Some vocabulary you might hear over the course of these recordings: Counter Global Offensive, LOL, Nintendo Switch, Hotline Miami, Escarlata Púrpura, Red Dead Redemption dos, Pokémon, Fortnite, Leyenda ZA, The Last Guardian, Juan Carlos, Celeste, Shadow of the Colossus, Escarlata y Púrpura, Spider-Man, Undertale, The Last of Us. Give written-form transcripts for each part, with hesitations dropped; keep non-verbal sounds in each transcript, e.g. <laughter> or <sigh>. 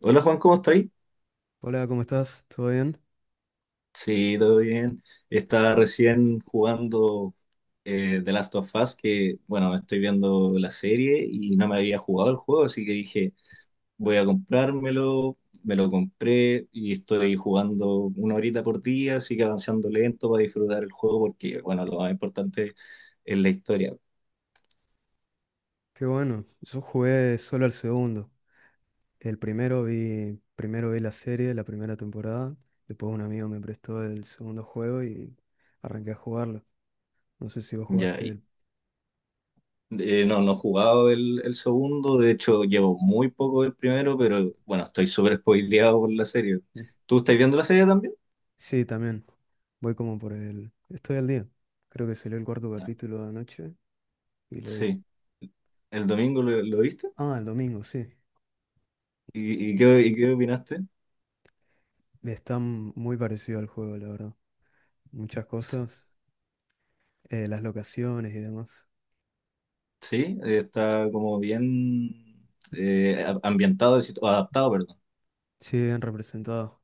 Hola Juan, ¿cómo estás? Hola, ¿cómo estás? ¿Todo bien? Sí, todo bien. Estaba recién jugando The Last of Us, que bueno, estoy viendo la serie y no me había jugado el juego, así que dije, voy a comprármelo, me lo compré y estoy jugando una horita por día, así que avanzando lento para disfrutar el juego porque bueno, lo más importante es la historia. Qué bueno. Yo jugué solo al segundo. El primero vi la serie, la primera temporada. Después un amigo me prestó el segundo juego y arranqué a jugarlo. No sé si vos Ya. jugaste el... No, no he jugado el segundo, de hecho llevo muy poco el primero, pero bueno, estoy súper spoileado por la serie. mm, ¿Tú estás viendo la serie también? Sí, también. Voy como por el... Estoy al día. Creo que salió el cuarto Ah, capítulo de anoche y lo vi. sí, el domingo lo viste. Ah, el domingo, sí. ¿Y qué opinaste? Está muy parecido al juego, la verdad. Muchas cosas, las locaciones y demás. Sí, está como bien, ambientado, adaptado. Sí, bien representado.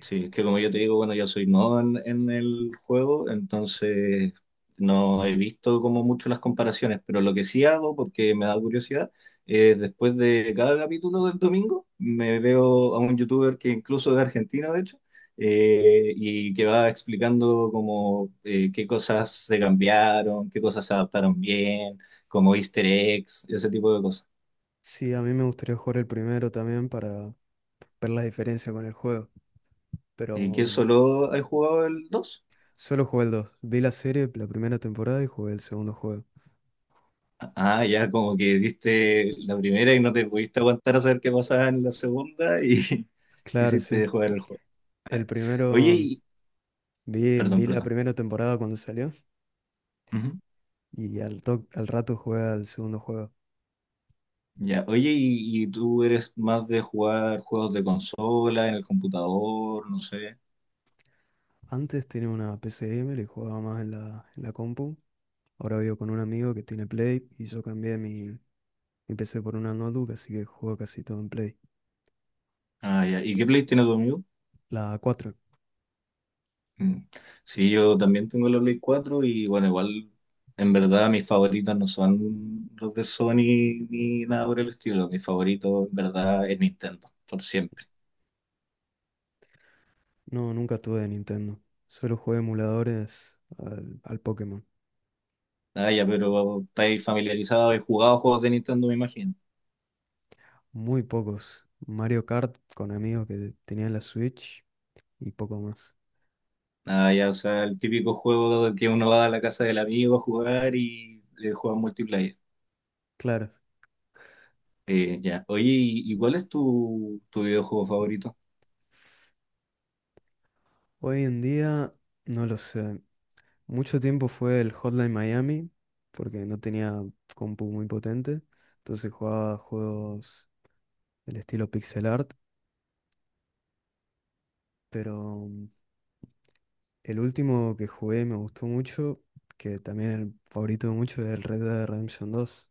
Sí, es que como yo te digo, bueno, yo soy nuevo en el juego, entonces no he visto como mucho las comparaciones, pero lo que sí hago, porque me da curiosidad, es después de cada capítulo del domingo, me veo a un youtuber que incluso es de Argentina, de hecho, y que va explicando como qué cosas se cambiaron, qué cosas se adaptaron bien, como easter eggs, ese tipo de cosas. Sí, a mí me gustaría jugar el primero también para ver la diferencia con el juego, ¿Y qué pero solo he jugado el 2? solo jugué el 2. Vi la serie, la primera temporada y jugué el segundo juego. Ah, ya, como que viste la primera y no te pudiste aguantar a saber qué pasaba en la segunda y <laughs> Claro, quisiste sí. jugar el juego. El Oye, primero, mm, y... vi, Perdón, vi la perdón. primera temporada cuando salió Ujú. y al rato jugué al segundo juego. Ya, oye, y tú eres más de jugar juegos de consola, en el computador, no sé. Antes tenía una P C gamer y jugaba más en la compu. Ahora vivo con un amigo que tiene Play y yo cambié mi PC por una notebook, así que juego casi todo en Play. Ah, ya. ¿Y qué Play tiene tu amigo? La cuatro. Mm. Sí, yo también tengo la Play 4 y bueno, igual en verdad mis favoritos no son los de Sony ni nada por el estilo. Mis favoritos en verdad es Nintendo, por siempre. No, nunca tuve de Nintendo. Solo jugué emuladores al Pokémon. Ah, ya, pero estáis familiarizados, y jugado juegos de Nintendo, me imagino. Muy pocos. Mario Kart con amigos que tenían la Switch y poco más. Ah, ya, o sea, el típico juego que uno va a la casa del amigo a jugar y le juega multiplayer. Claro, Ya. Oye, ¿y cuál es tu videojuego favorito? hoy en día no lo sé. Mucho tiempo fue el Hotline Miami porque no tenía compu muy potente. Entonces jugaba juegos del estilo pixel art. Pero el último que jugué y me gustó mucho, que también el favorito de muchos es el Red Dead Redemption dos.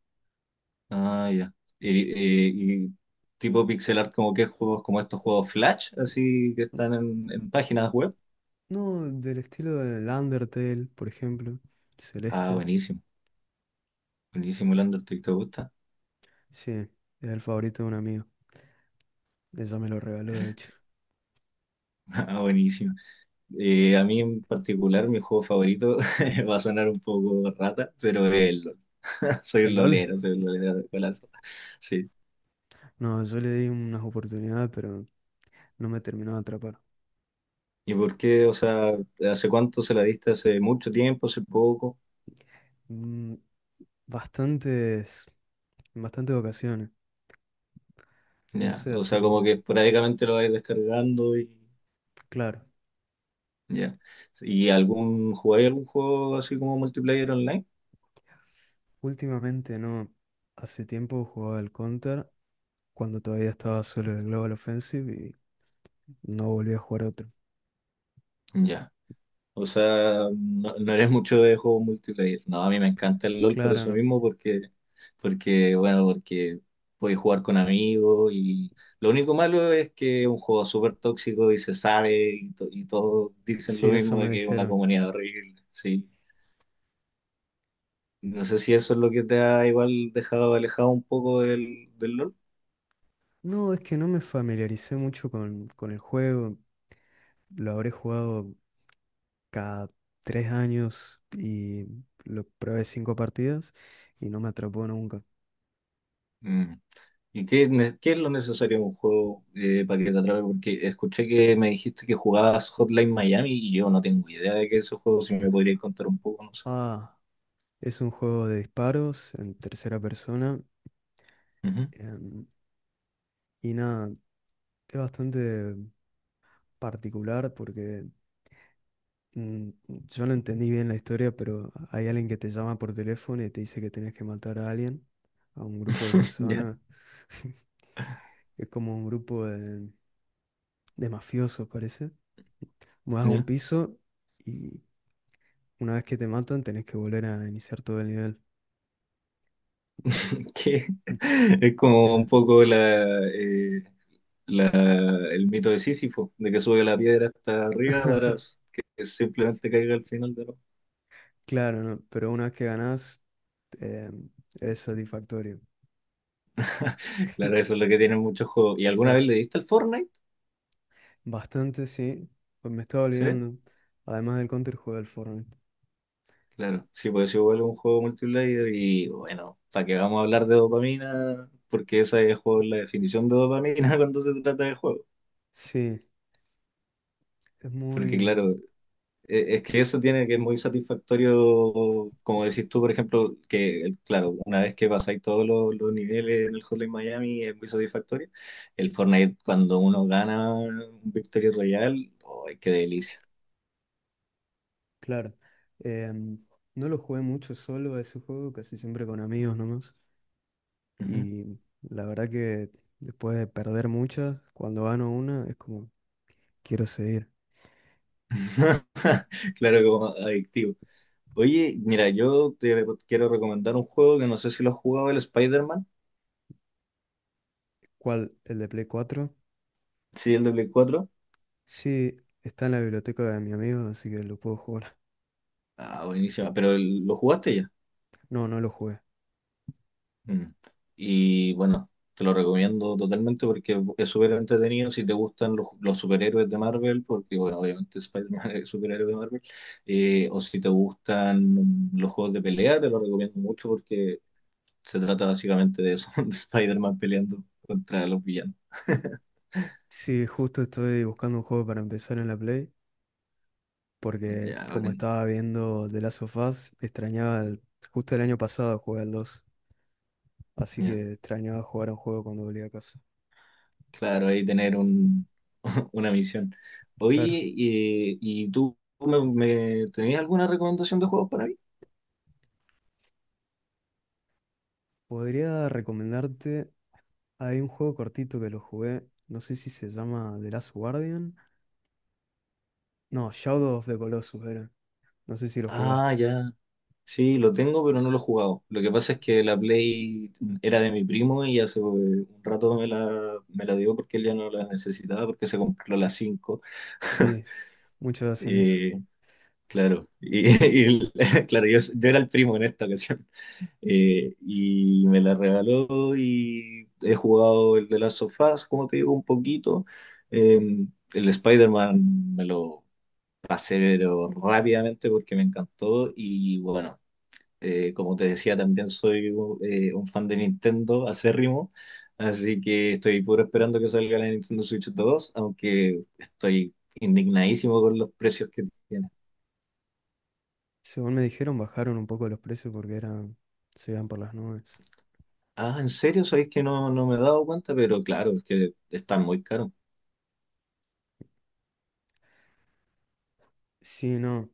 Ah, ya. Eh, y tipo pixel art, como qué juegos, como estos juegos Flash, así que están en páginas web. No, del estilo del Undertale, por ejemplo. Ah, Celeste. buenísimo. Buenísimo, el Undertale, ¿te gusta? Sí, es el favorito de un amigo. Ella me lo regaló, de hecho. <laughs> Ah, buenísimo. A mí en particular, mi juego favorito <laughs> va a sonar un poco rata, pero es el LOL. <laughs> ¿El LOL? Soy un lolero de colazo. Sí. No, yo le di unas oportunidades, pero no me terminó de atrapar. ¿Y por qué? O sea, ¿hace cuánto se la diste? ¿Hace mucho tiempo? ¿Hace poco? Mm, Bastantes, en bastantes ocasiones. No Ya. sé, O hace sea, como que como... esporádicamente lo vais descargando y Claro, ya. ¿Y algún, jugáis algún juego así como multiplayer online? últimamente no. Hace tiempo jugaba al Counter, cuando todavía estaba solo en el Global Offensive y no volví a jugar otro. Ya. O sea, no, no eres mucho de juego multiplayer. No, a mí me encanta el LOL por Claro, eso no. mismo, porque, porque bueno, porque puedes jugar con amigos y lo único malo es que es un juego súper tóxico y se sabe y, y todos dicen lo Sí, eso mismo me de que es una dijeron. comunidad horrible, sí. No sé si eso es lo que te ha igual dejado alejado un poco del LOL. No, es que no me familiaricé mucho con el juego. Lo habré jugado cada tres años y lo probé cinco partidas y no me atrapó nunca. Mm. ¿Y qué, qué es lo necesario en un juego, para que te atrape? Porque escuché que me dijiste que jugabas Hotline Miami y yo no tengo idea de qué es ese juego, si me podrías contar un poco, no sé. Ah, es un juego de disparos en tercera persona. Ujú. em, y nada, es bastante particular porque mm, yo no entendí bien la historia, pero hay alguien que te llama por teléfono y te dice que tenés que matar a alguien, a un grupo de <laughs> Ya, personas. <laughs> Es como un grupo de mafioso, parece. Vas a un ya. piso y una vez que te matan tenés que volver a iniciar todo el nivel. Que Mm. <laughs> es Eh, como un poco la, la- el mito de Sísifo, de que sube la piedra hasta arriba para que simplemente caiga al final de la... Claro, ¿no? Pero una vez que ganás, eh, es satisfactorio. Claro, eso <laughs> es lo que tienen muchos juegos. ¿Y alguna Claro. vez le diste al Fortnite? Bastante, sí. Pues me estaba ¿Sí? olvidando. Además del Counter, jugué al Fortnite. Claro, sí, pues es igual un juego multiplayer y bueno, ¿para qué vamos a hablar de dopamina? Porque esa es la definición de dopamina <laughs> cuando se trata de juego. Sí, es Porque muy... claro, es que eso tiene que es muy satisfactorio, como decís tú, por ejemplo, que claro, una vez que pasáis todos los niveles en el Hotline Miami es muy satisfactorio. El Fortnite, cuando uno gana un Victory Royale, ¡ay, qué delicia! Claro. Em, no lo jugué mucho solo a ese juego, casi siempre con amigos nomás. Ujú. Y la verdad que después de perder muchas, cuando gano una, es como, quiero seguir. <laughs> Claro, como adictivo. Oye, mira, yo quiero recomendar un juego que no sé si lo has jugado, el Spider-Man, ¿Cuál? ¿El de Play cuatro? sí, el de Play 4. Sí, está en la biblioteca de mi amigo, así que lo puedo jugar. Ah, buenísima, pero lo jugaste ya. <laughs> No, no lo jugué. Mm. Y bueno, te lo recomiendo totalmente porque es súper entretenido si te gustan los superhéroes de Marvel, porque bueno, obviamente Spider-Man <laughs> es superhéroe de Marvel. O si te gustan los juegos de pelea, te lo recomiendo mucho porque se trata básicamente de eso, <laughs> de Spider-Man peleando contra los villanos. Sí, justo estoy buscando un juego para empezar en la Play, porque Ya, como bacán. estaba viendo The Last of Us, extrañaba el- Justo el año pasado jugué al 2, así Ya. que extrañaba jugar a un juego cuando volvía a casa. Claro, ahí tener un, <laughs> una misión. Oye, Claro. ¿Y tú tenías alguna recomendación de juegos para mí? Podría recomendarte. Hay un juego cortito que lo jugué, no sé si se llama The Last Guardian. No, Shadow of the Colossus era. No sé si lo Ah, jugaste. ya. Sí, lo tengo, pero no lo he jugado. Lo que pasa es que la Play era de mi primo y hace, un rato me la dio porque él ya no la necesitaba porque se compró la 5. Sí, muchos hacen eso. Eh, claro, y, <laughs> y- <laughs> claro, yo era el primo en esta ocasión. Y me la regaló y he jugado el de las sofás, como te digo, un poquito. Eh, el Spider-Man me lo pasé pero rápidamente porque me encantó y bueno, como te decía, también soy un fan de Nintendo acérrimo, así que estoy puro esperando que salga la Nintendo Switch dos, aunque estoy indignadísimo con los precios que tiene. Según me dijeron, bajaron un poco los precios porque eran, se iban por las nubes. Ah, ¿en serio? Sabéis que no, no me he dado cuenta, pero claro, es que están muy caros. Sí, no.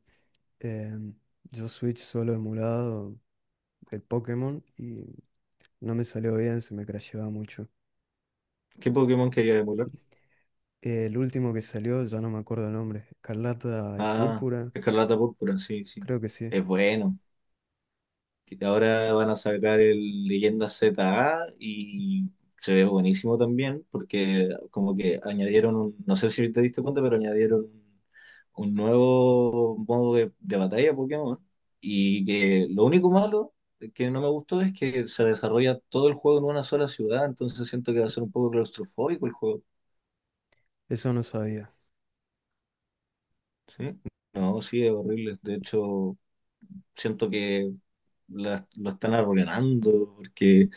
em, yo Switch solo emulado el Pokémon y no me salió bien, se me crasheaba mucho. ¿Qué Pokémon quería emular? El último que salió, ya no me acuerdo el nombre, Escarlata y Ah, Púrpura, Escarlata Púrpura, sí, sí. creo que sí. Es bueno. Que ahora van a sacar el Leyenda ZA y se ve buenísimo también, porque como que añadieron un, no sé si te diste cuenta, pero añadieron un nuevo modo de batalla Pokémon. Y que lo único malo que no me gustó es que se desarrolla todo el juego en una sola ciudad, entonces siento que va a ser un poco claustrofóbico el juego. Eso no sabía. ¿Sí? No, sí, es horrible. De hecho, siento que lo están arruinando, porque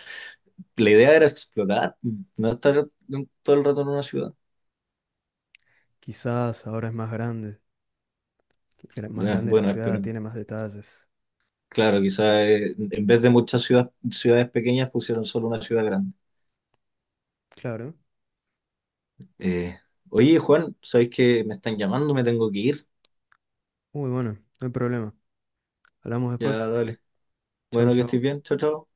la idea era explorar, no estar todo el rato en una ciudad. Quizás ahora es más grande. Más grande la Bueno, ciudad, esperemos. tiene más detalles. Claro, quizás, en vez de muchas ciudades pequeñas pusieron solo una ciudad grande. Claro. Eh, Oye, Juan, ¿sabéis que me están llamando? Me tengo que ir. Uy, bueno, no hay problema. Hablamos Ya, después. dale. Chau, Bueno, que estés chau. bien. Chao, chao.